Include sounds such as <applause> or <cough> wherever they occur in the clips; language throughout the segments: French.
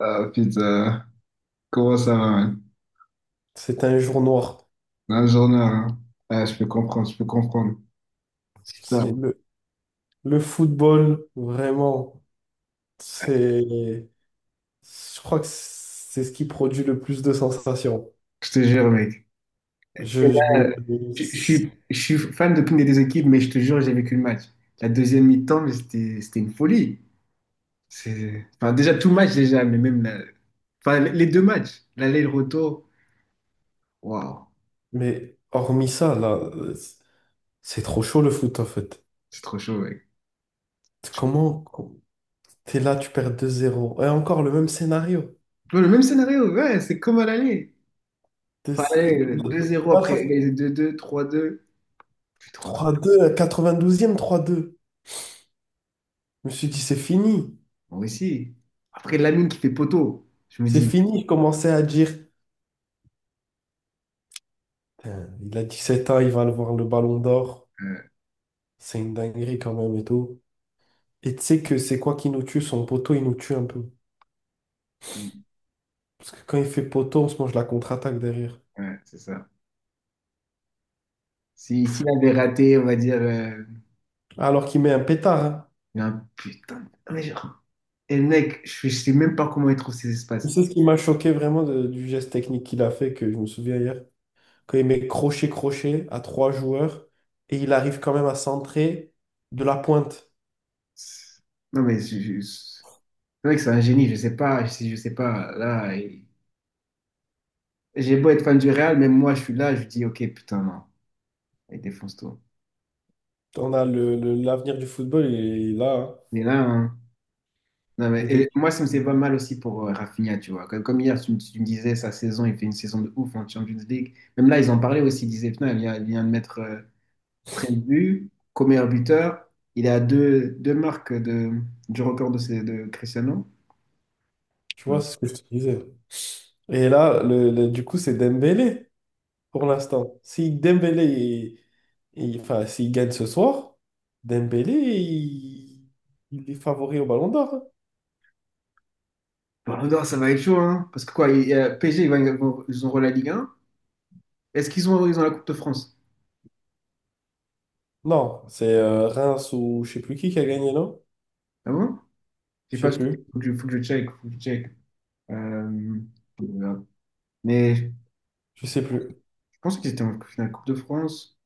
Ah putain, comment ça va, mec? C'est un jour noir. Un journal, hein? Ah, je peux comprendre, je peux comprendre. C'est Putain, le football, vraiment. C'est, je crois que c'est ce qui produit le plus de sensations. je te jure, mec. Je, Et je- là, je suis fan d'aucune des deux équipes, mais je te jure, j'ai vécu le match. La deuxième mi-temps, mais c'était une folie. C'est, enfin, déjà, tout le match, déjà, mais même la- enfin, les deux matchs, l'aller et le retour. Waouh, mais hormis ça, là, c'est trop chaud le foot en fait. c'est trop chaud, mec. Comment t'es là, tu perds 2-0 et encore le même scénario. Tu vois, le même scénario, ouais, c'est comme à l'aller. T'es- Enfin, c'est- allez, 2-0 Là, après ça- égaliser deux 2 3-2, puis 3-3. 3-2, à 92e, 3-2. Je me suis dit, c'est fini. Moi aussi. Après, Lamine qui fait poteau, je me C'est dis, fini. Je commençais à dire, putain, il a 17 ans, il va le voir le ballon d'or. euh, C'est une dinguerie quand même et tout. Et tu sais que c'est quoi qui nous tue? Son poteau, il nous tue un peu. Parce que quand il fait poteau, on se mange la contre-attaque derrière. ouais, c'est ça. Si, s'il avait raté, on va dire, Alors qu'il met un pétard, hein. il y a un putain. Mais genre, et le mec, je sais même pas comment il trouve ses Tu espaces. sais ce qui m'a choqué vraiment du geste technique qu'il a fait, que je me souviens hier. Quand il met crochet-crochet à trois joueurs et il arrive quand même à centrer de la pointe. Non, mais je- c'est vrai que c'est un génie, je sais pas, je sais pas. Là, il- j'ai beau être fan du Real, même moi, je suis là, je dis, ok, putain, non, il défonce tout. On a l'avenir du football, il est là, hein. Mais là, hein, non, mais, Il est- et moi, ça me fait pas mal aussi pour Rafinha, tu vois. Comme, comme hier, tu me disais, sa saison, il fait une saison de ouf en Champions League. Même là, ils en parlaient aussi. Ils disaient, putain, il vient de mettre 13 buts, comme meilleur buteur. Il est à deux marques de, du record de, de Cristiano. tu vois, Mince. c'est ce que je te disais. Et là, du coup, c'est Dembélé, pour l'instant. Si Dembélé, enfin, s'il gagne ce soir, Dembélé, il est favori au Ballon d'Or, hein. Ballon d'or, ça va être chaud, hein. Parce que quoi, y a PSG, vont- ils auront la Ligue 1. Est-ce qu'ils ont la Coupe de France? Non, c'est Reims ou je sais plus qui a gagné, non? Ah bon? Je sais Je sais pas, plus. Faut que je check, faut que je check. Euh, voilà. Mais Je sais plus. je pense qu'ils étaient en finale Coupe de France.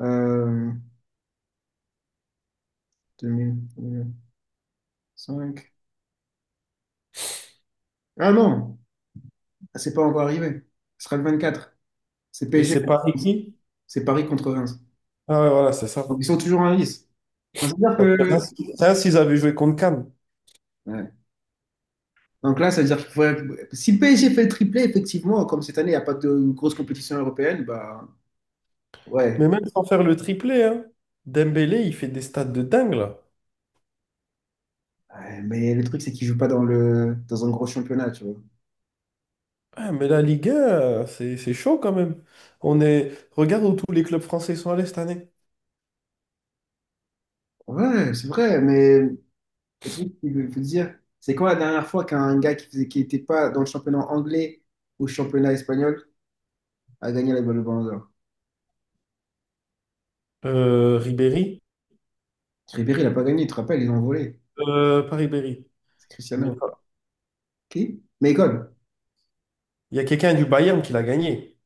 Euh, 2000, 2005. Ah non, c'est pas encore arrivé. Ce sera le 24. C'est Et PSG c'est contre Paris Reims. qui? C'est Paris contre Reims. Ah ouais, voilà, c'est ça. Donc ils sont toujours en lice. Donc, ça veut Parce que dire Reims, que... Reims, ils avaient joué contre Cannes. Ouais. Donc là, ça veut dire qu'il faudrait... Si le PSG fait le triplé, effectivement, comme cette année, il n'y a pas de grosse compétition européenne, bah Mais ouais. même sans faire le triplé, hein, Dembélé, il fait des stats de dingue, là. Ouais, mais le truc, c'est qu'ils ne jouent pas dans le... dans un gros championnat, tu vois. Ah, mais la Ligue 1, c'est chaud quand même. Regarde où tous les clubs français sont allés cette année. Ouais, c'est vrai, mais le truc, c'est que, faut dire, c'est quoi la dernière fois qu'un gars qui faisait... qui n'était pas dans le championnat anglais ou championnat espagnol a gagné la balle de Ballon d'Or? Ribéry. Ribéry, il n'a pas gagné, tu te rappelles, ils ont volé. Paris-Berry. C'est Mais Cristiano. pas. Qui? Malcolm. Il y a quelqu'un du Bayern qui l'a gagné.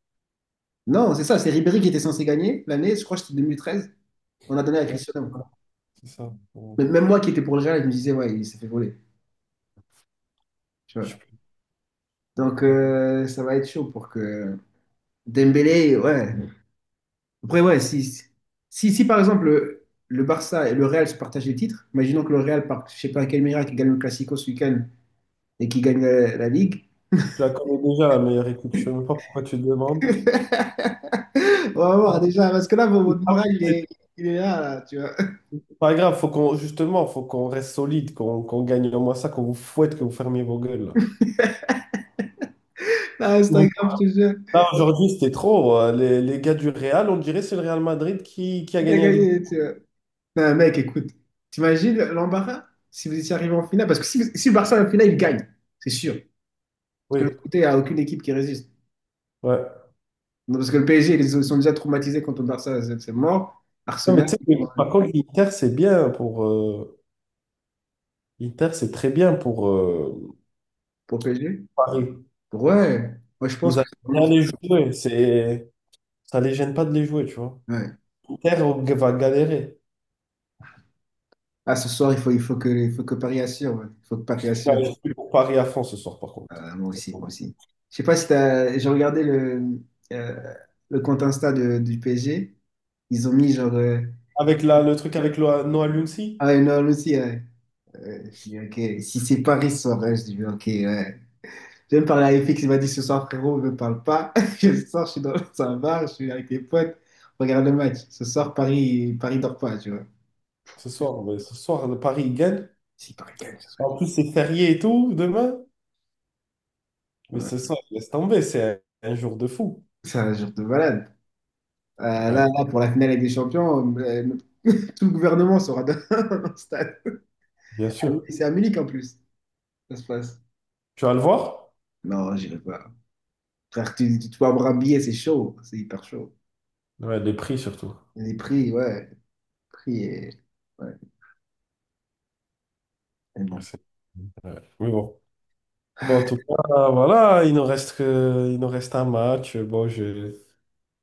Non, c'est ça, c'est Ribéry qui était censé gagner l'année, je crois que c'était 2013, on a donné à Ouais, Cristiano. voilà, c'est ça. Ouais. Mais même moi qui étais pour le Real, je me disais, ouais, il s'est fait voler. Tu Je sais vois. plus. Donc, Non. Ça va être chaud pour que Dembélé, ouais. Après, ouais, si par exemple le Barça et le Real se partagent les titres, imaginons que le Real, par je sais pas quel miracle, gagne le Classico ce week-end et qui gagne la Ligue. Tu la connais déjà, la meilleure équipe. Je ne sais même pas pourquoi tu le demandes. <laughs> On va voir déjà, parce que là, C'est votre pas moral, il est là, là, tu vois. c'est pas grave, faut qu'on justement, faut qu'on reste solide, qu'on gagne au moins ça, qu'on vous fouette, que vous fermiez vos gueules. Ah, Instagram, je te jure. Là, aujourd'hui, c'était trop. Les gars du Real, on dirait que c'est le Real Madrid qui a T'as gagné la Ligue. gagné, tu vois. Non, mec, écoute. T'imagines l'embarras si vous étiez arrivé en finale? Parce que si le Barça est en finale, il gagne, c'est sûr. Parce que de Oui, l'autre côté, il n'y a aucune équipe qui résiste. ouais. Non, parce que le PSG, ils sont déjà traumatisés contre le Barça, c'est mort. Non, mais Arsenal tu sais, que, pour par contre, l'Inter, c'est bien pour. Inter, c'est très bien pour pour PSG. Paris. Ouais, moi je pense Ils que allaient c'est vraiment bien fait. les jouer. Ça les gêne pas de les jouer, tu vois. Ouais. Inter va galérer. Ah, ce soir, il faut que Paris assure. Ouais. Il faut que Paris Ah, assure. je suis pour Paris à fond ce soir, par contre. Ah, moi aussi, moi aussi. Je sais pas si t'as... J'ai regardé euh, le compte Insta de- du PSG. Ils ont mis genre. Avec le truc avec Noah Ah Lumsi, ouais, non, lui aussi, ouais. Je dis, ok, si c'est Paris ce soir, ouais, je dis, ok, ouais. Je viens de parler à FX, il m'a dit ce soir, frérot, ne me parle pas. <laughs> Je sors, je suis dans un bar, <laughs> je suis avec des potes, on regarde le match. Ce soir, Paris, Paris dort pas, tu vois. ce soir, ouais, ce soir, le Paris il gagne. Si Paris gagne, ça serait. En plus, c'est férié et tout, demain. Mais ce Ouais. soir, laisse tomber, c'est un jour de fou. C'est un jour de malade. Euh, Là, Ouais, là, pour la finale avec des champions, <laughs> tout le gouvernement sera dans <laughs> le stade. bien À Munich- sûr. c'est à Munich en plus, ça se passe. Tu vas le voir? Non, j'irai pas. Frère, tu peux avoir un billet, c'est chaud, c'est hyper chaud. Ouais, les prix surtout. Les prix, ouais, les prix et... Mais Ouais, bon. Ouais. Mais bon. Bon, en tout cas, voilà, il nous reste un match.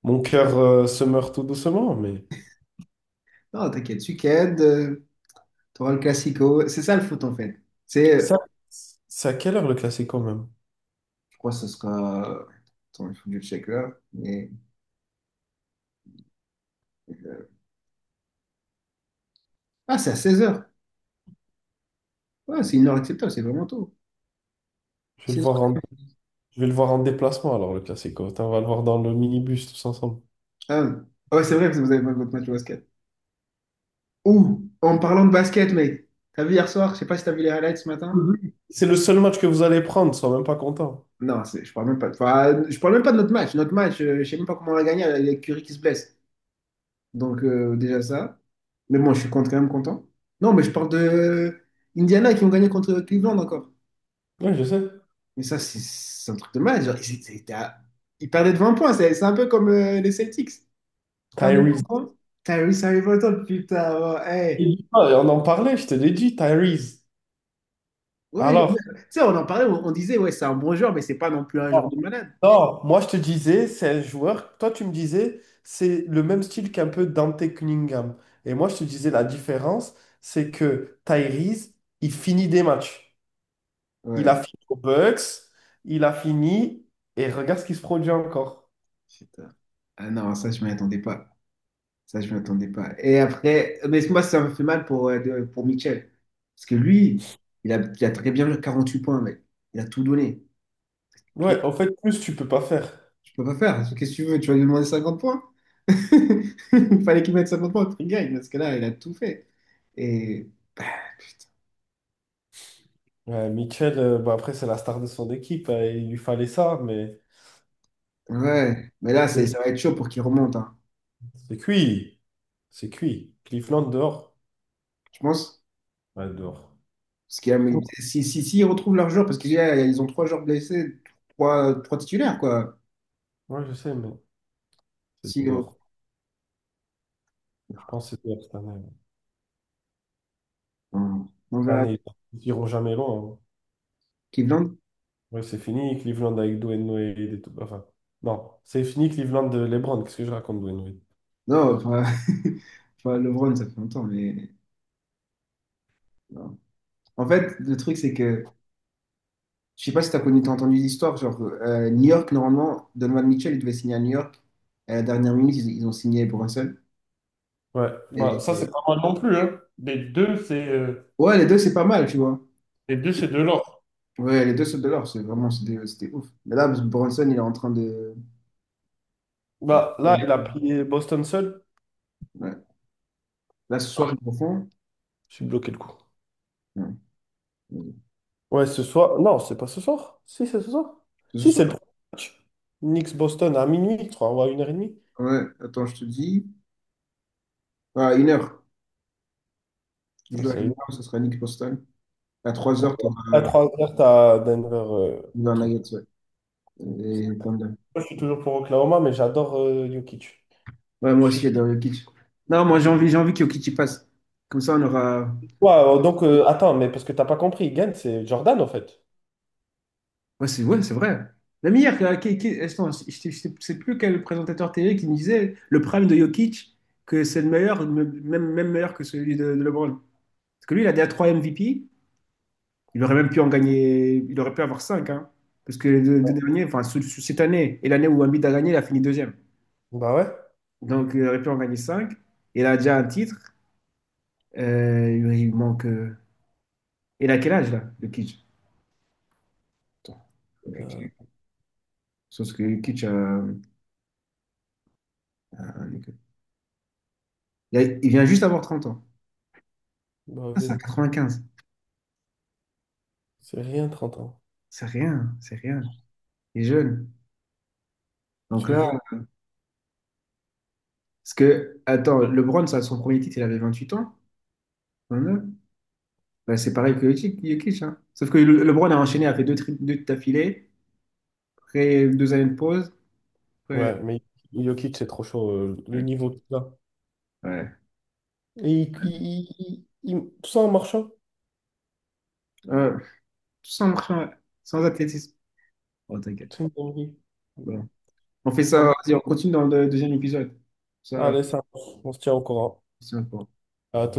Mon cœur se meurt tout doucement, mais Non, t'inquiète, week-end, t'auras le classico. C'est ça le foot en fait. C'est, ça, c'est à quelle heure le classico même? je crois que ce sera. Attends, il faut que je check là. Mais... euh, Ah, c'est à 16h. Ouais, c'est une heure acceptable, c'est vraiment tôt. Je vais le seize voir heures en, je vais le voir en déplacement alors le classico. Attends, on va le voir dans le minibus tous ensemble. Ah, ouais, ah ouais, c'est vrai, parce que vous avez pas votre match de basket. Ouh, en parlant de basket, mec. T'as vu hier soir, je sais pas si t'as vu les highlights ce matin. Mhm. C'est le seul match que vous allez prendre, sois même pas content. Non, c'est- je parle même pas. Enfin, je parle même pas de notre match. Notre match, je sais même pas comment on l'a gagné avec Curry qui se blesse. Donc, déjà ça. Mais bon, je suis quand même content. Non, mais je parle de Indiana qui ont gagné contre Cleveland encore. Oui, je sais. Mais ça, c'est un truc de mal. Genre, ils étaient à- ils perdaient de 20 points. C'est un peu comme les Celtics. Ils perdent de Tyrese. 20 points. Tyrese Halliburton, putain. Ouais, Je te hey. dis pas, on en parlait, je te l'ai dit, Tyrese. Ouais, je- tu Alors, sais, on en parlait, on disait, ouais, c'est un bon joueur, mais c'est pas non plus un non, joueur de malade. non, moi je te disais, c'est un joueur. Toi, tu me disais, c'est le même style qu'un peu Dante Cunningham. Et moi, je te disais, la différence, c'est que Tyrese, il finit des matchs. Il Ouais, a fini aux Bucks, il a fini, et regarde ce qui se produit encore. putain. Ah non, ça, je m'y attendais pas. Ça, je ne m'attendais pas. Et après, mais moi, ça me fait mal pour, de- pour Mitchell. Parce que lui, il a très bien joué huit points, mec. Il a tout donné. Tout, Ouais, en fait, plus tu peux pas faire. tu peux pas faire. Qu'est-ce que tu veux? Tu vas lui demander 50 points? <laughs> Il fallait qu'il mette 50 points pour qu'il gagne. Parce que là, il a tout fait. Et bah, putain. Ouais, Mitchell, bon, après, c'est la star de son équipe, il lui fallait ça, mais Ouais. Mais là, ça va être chaud pour qu'il remonte, hein. c'est cuit. C'est cuit. Cleveland dehors. Je pense. Ouais, dehors. Parce qu'il y Par contre, a- si ils retrouvent leurs joueurs, parce qu'ils ont trois joueurs blessés, trois titulaires, quoi. ouais, je sais, mais c'est Si, dehors. Je pense que c'est dehors cette année. On Cette verra. année, ils iront jamais loin, hein. Cleveland. Ouais, c'est fini, Cleveland avec Dwayne Wade et tout. Enfin, non, c'est fini, Cleveland de LeBron. Qu'est-ce que je raconte, Dwayne Wade? Non, enfin, <laughs> enfin, LeBron, ça fait longtemps, mais... non. En fait, le truc, c'est que... Je sais pas si t'as connu, t'as entendu l'histoire, genre, New York, normalement, Donovan Mitchell, il devait signer à New York. À la dernière minute, ils ont signé pour un. Ouais, bah, ça Et... c'est pas mal non plus, hein. Ouais, les deux, c'est pas mal, tu vois. Les deux, c'est de l'or. Ouais, les deux sautent de l'or, c'est vraiment, c'était ouf. Mais là, Bronson, il est en train de... Bah là, il a pris Boston seul. Ouais. Là, ce soir, Ah, ils le font. je suis bloqué le coup. Ouais. Ouais, ce soir. Non, c'est pas ce soir. Si, c'est ce soir. C'est ce Si, c'est le soir? premier match. Knicks-Boston à minuit, je crois, ou à une heure et demie. Ouais, attends, je te dis. À 1h. Tu joues à une Salut. heure, ce sera Nick Boston. À 3h, tu auras À 3 h, t'as Denver, truc. Nuggets. Ouais. Et Thunder. Moi, je suis toujours pour Oklahoma, mais j'adore Jokic. Ouais, Je moi suis... aussi, j'adore Jokic. Non, moi, j'ai envie que Jokic y passe. Comme ça, on aura. Ouais, Ouais, donc attends, mais parce que t'as pas compris, Gant, c'est Jordan en fait. Ouais, c'est vrai. Même hier, qui- attends, je sais plus quel présentateur télé qui me disait le prime de Jokic, que c'est le meilleur, même, même meilleur que celui de, LeBron. Parce que lui, il a déjà 3 MVP. Il aurait même pu en gagner. Il aurait pu avoir 5. Parce que les deux derniers, enfin, cette année et l'année où Embiid a gagné, il a fini deuxième. Bah ouais. Donc, il aurait pu en gagner cinq. Il a déjà un titre. Il manque. Il a quel âge là, le Kitsch? Attends. Le Kitsch. Sauf que le Kitsch, donc, il vient juste d'avoir 30 ans. Bah Ah, c'est ouais, un 95. c'est rien 30 ans, C'est rien, c'est rien. Il est jeune. je Donc te là, jure. parce que, attends, LeBron, ça, son premier titre, il avait 28 ans. 29. Bah, c'est pareil que Jokic. Jokic, hein. Sauf que le- LeBron a enchaîné, a fait deux, tri- deux d'affilée, après deux années de pause. Après- Ouais, mais Jokic, c'est trop chaud, le niveau qu'il a. Ouais. Et tout ça en marchant, Euh, tout sans athlétisme. Oh, t'inquiète. c'est une dinguerie. Bon. On fait Ça ça, me- vas-y, on continue dans le deuxième épisode. Ça, Allez, ça, marche. On se tient au courant. c'est important. À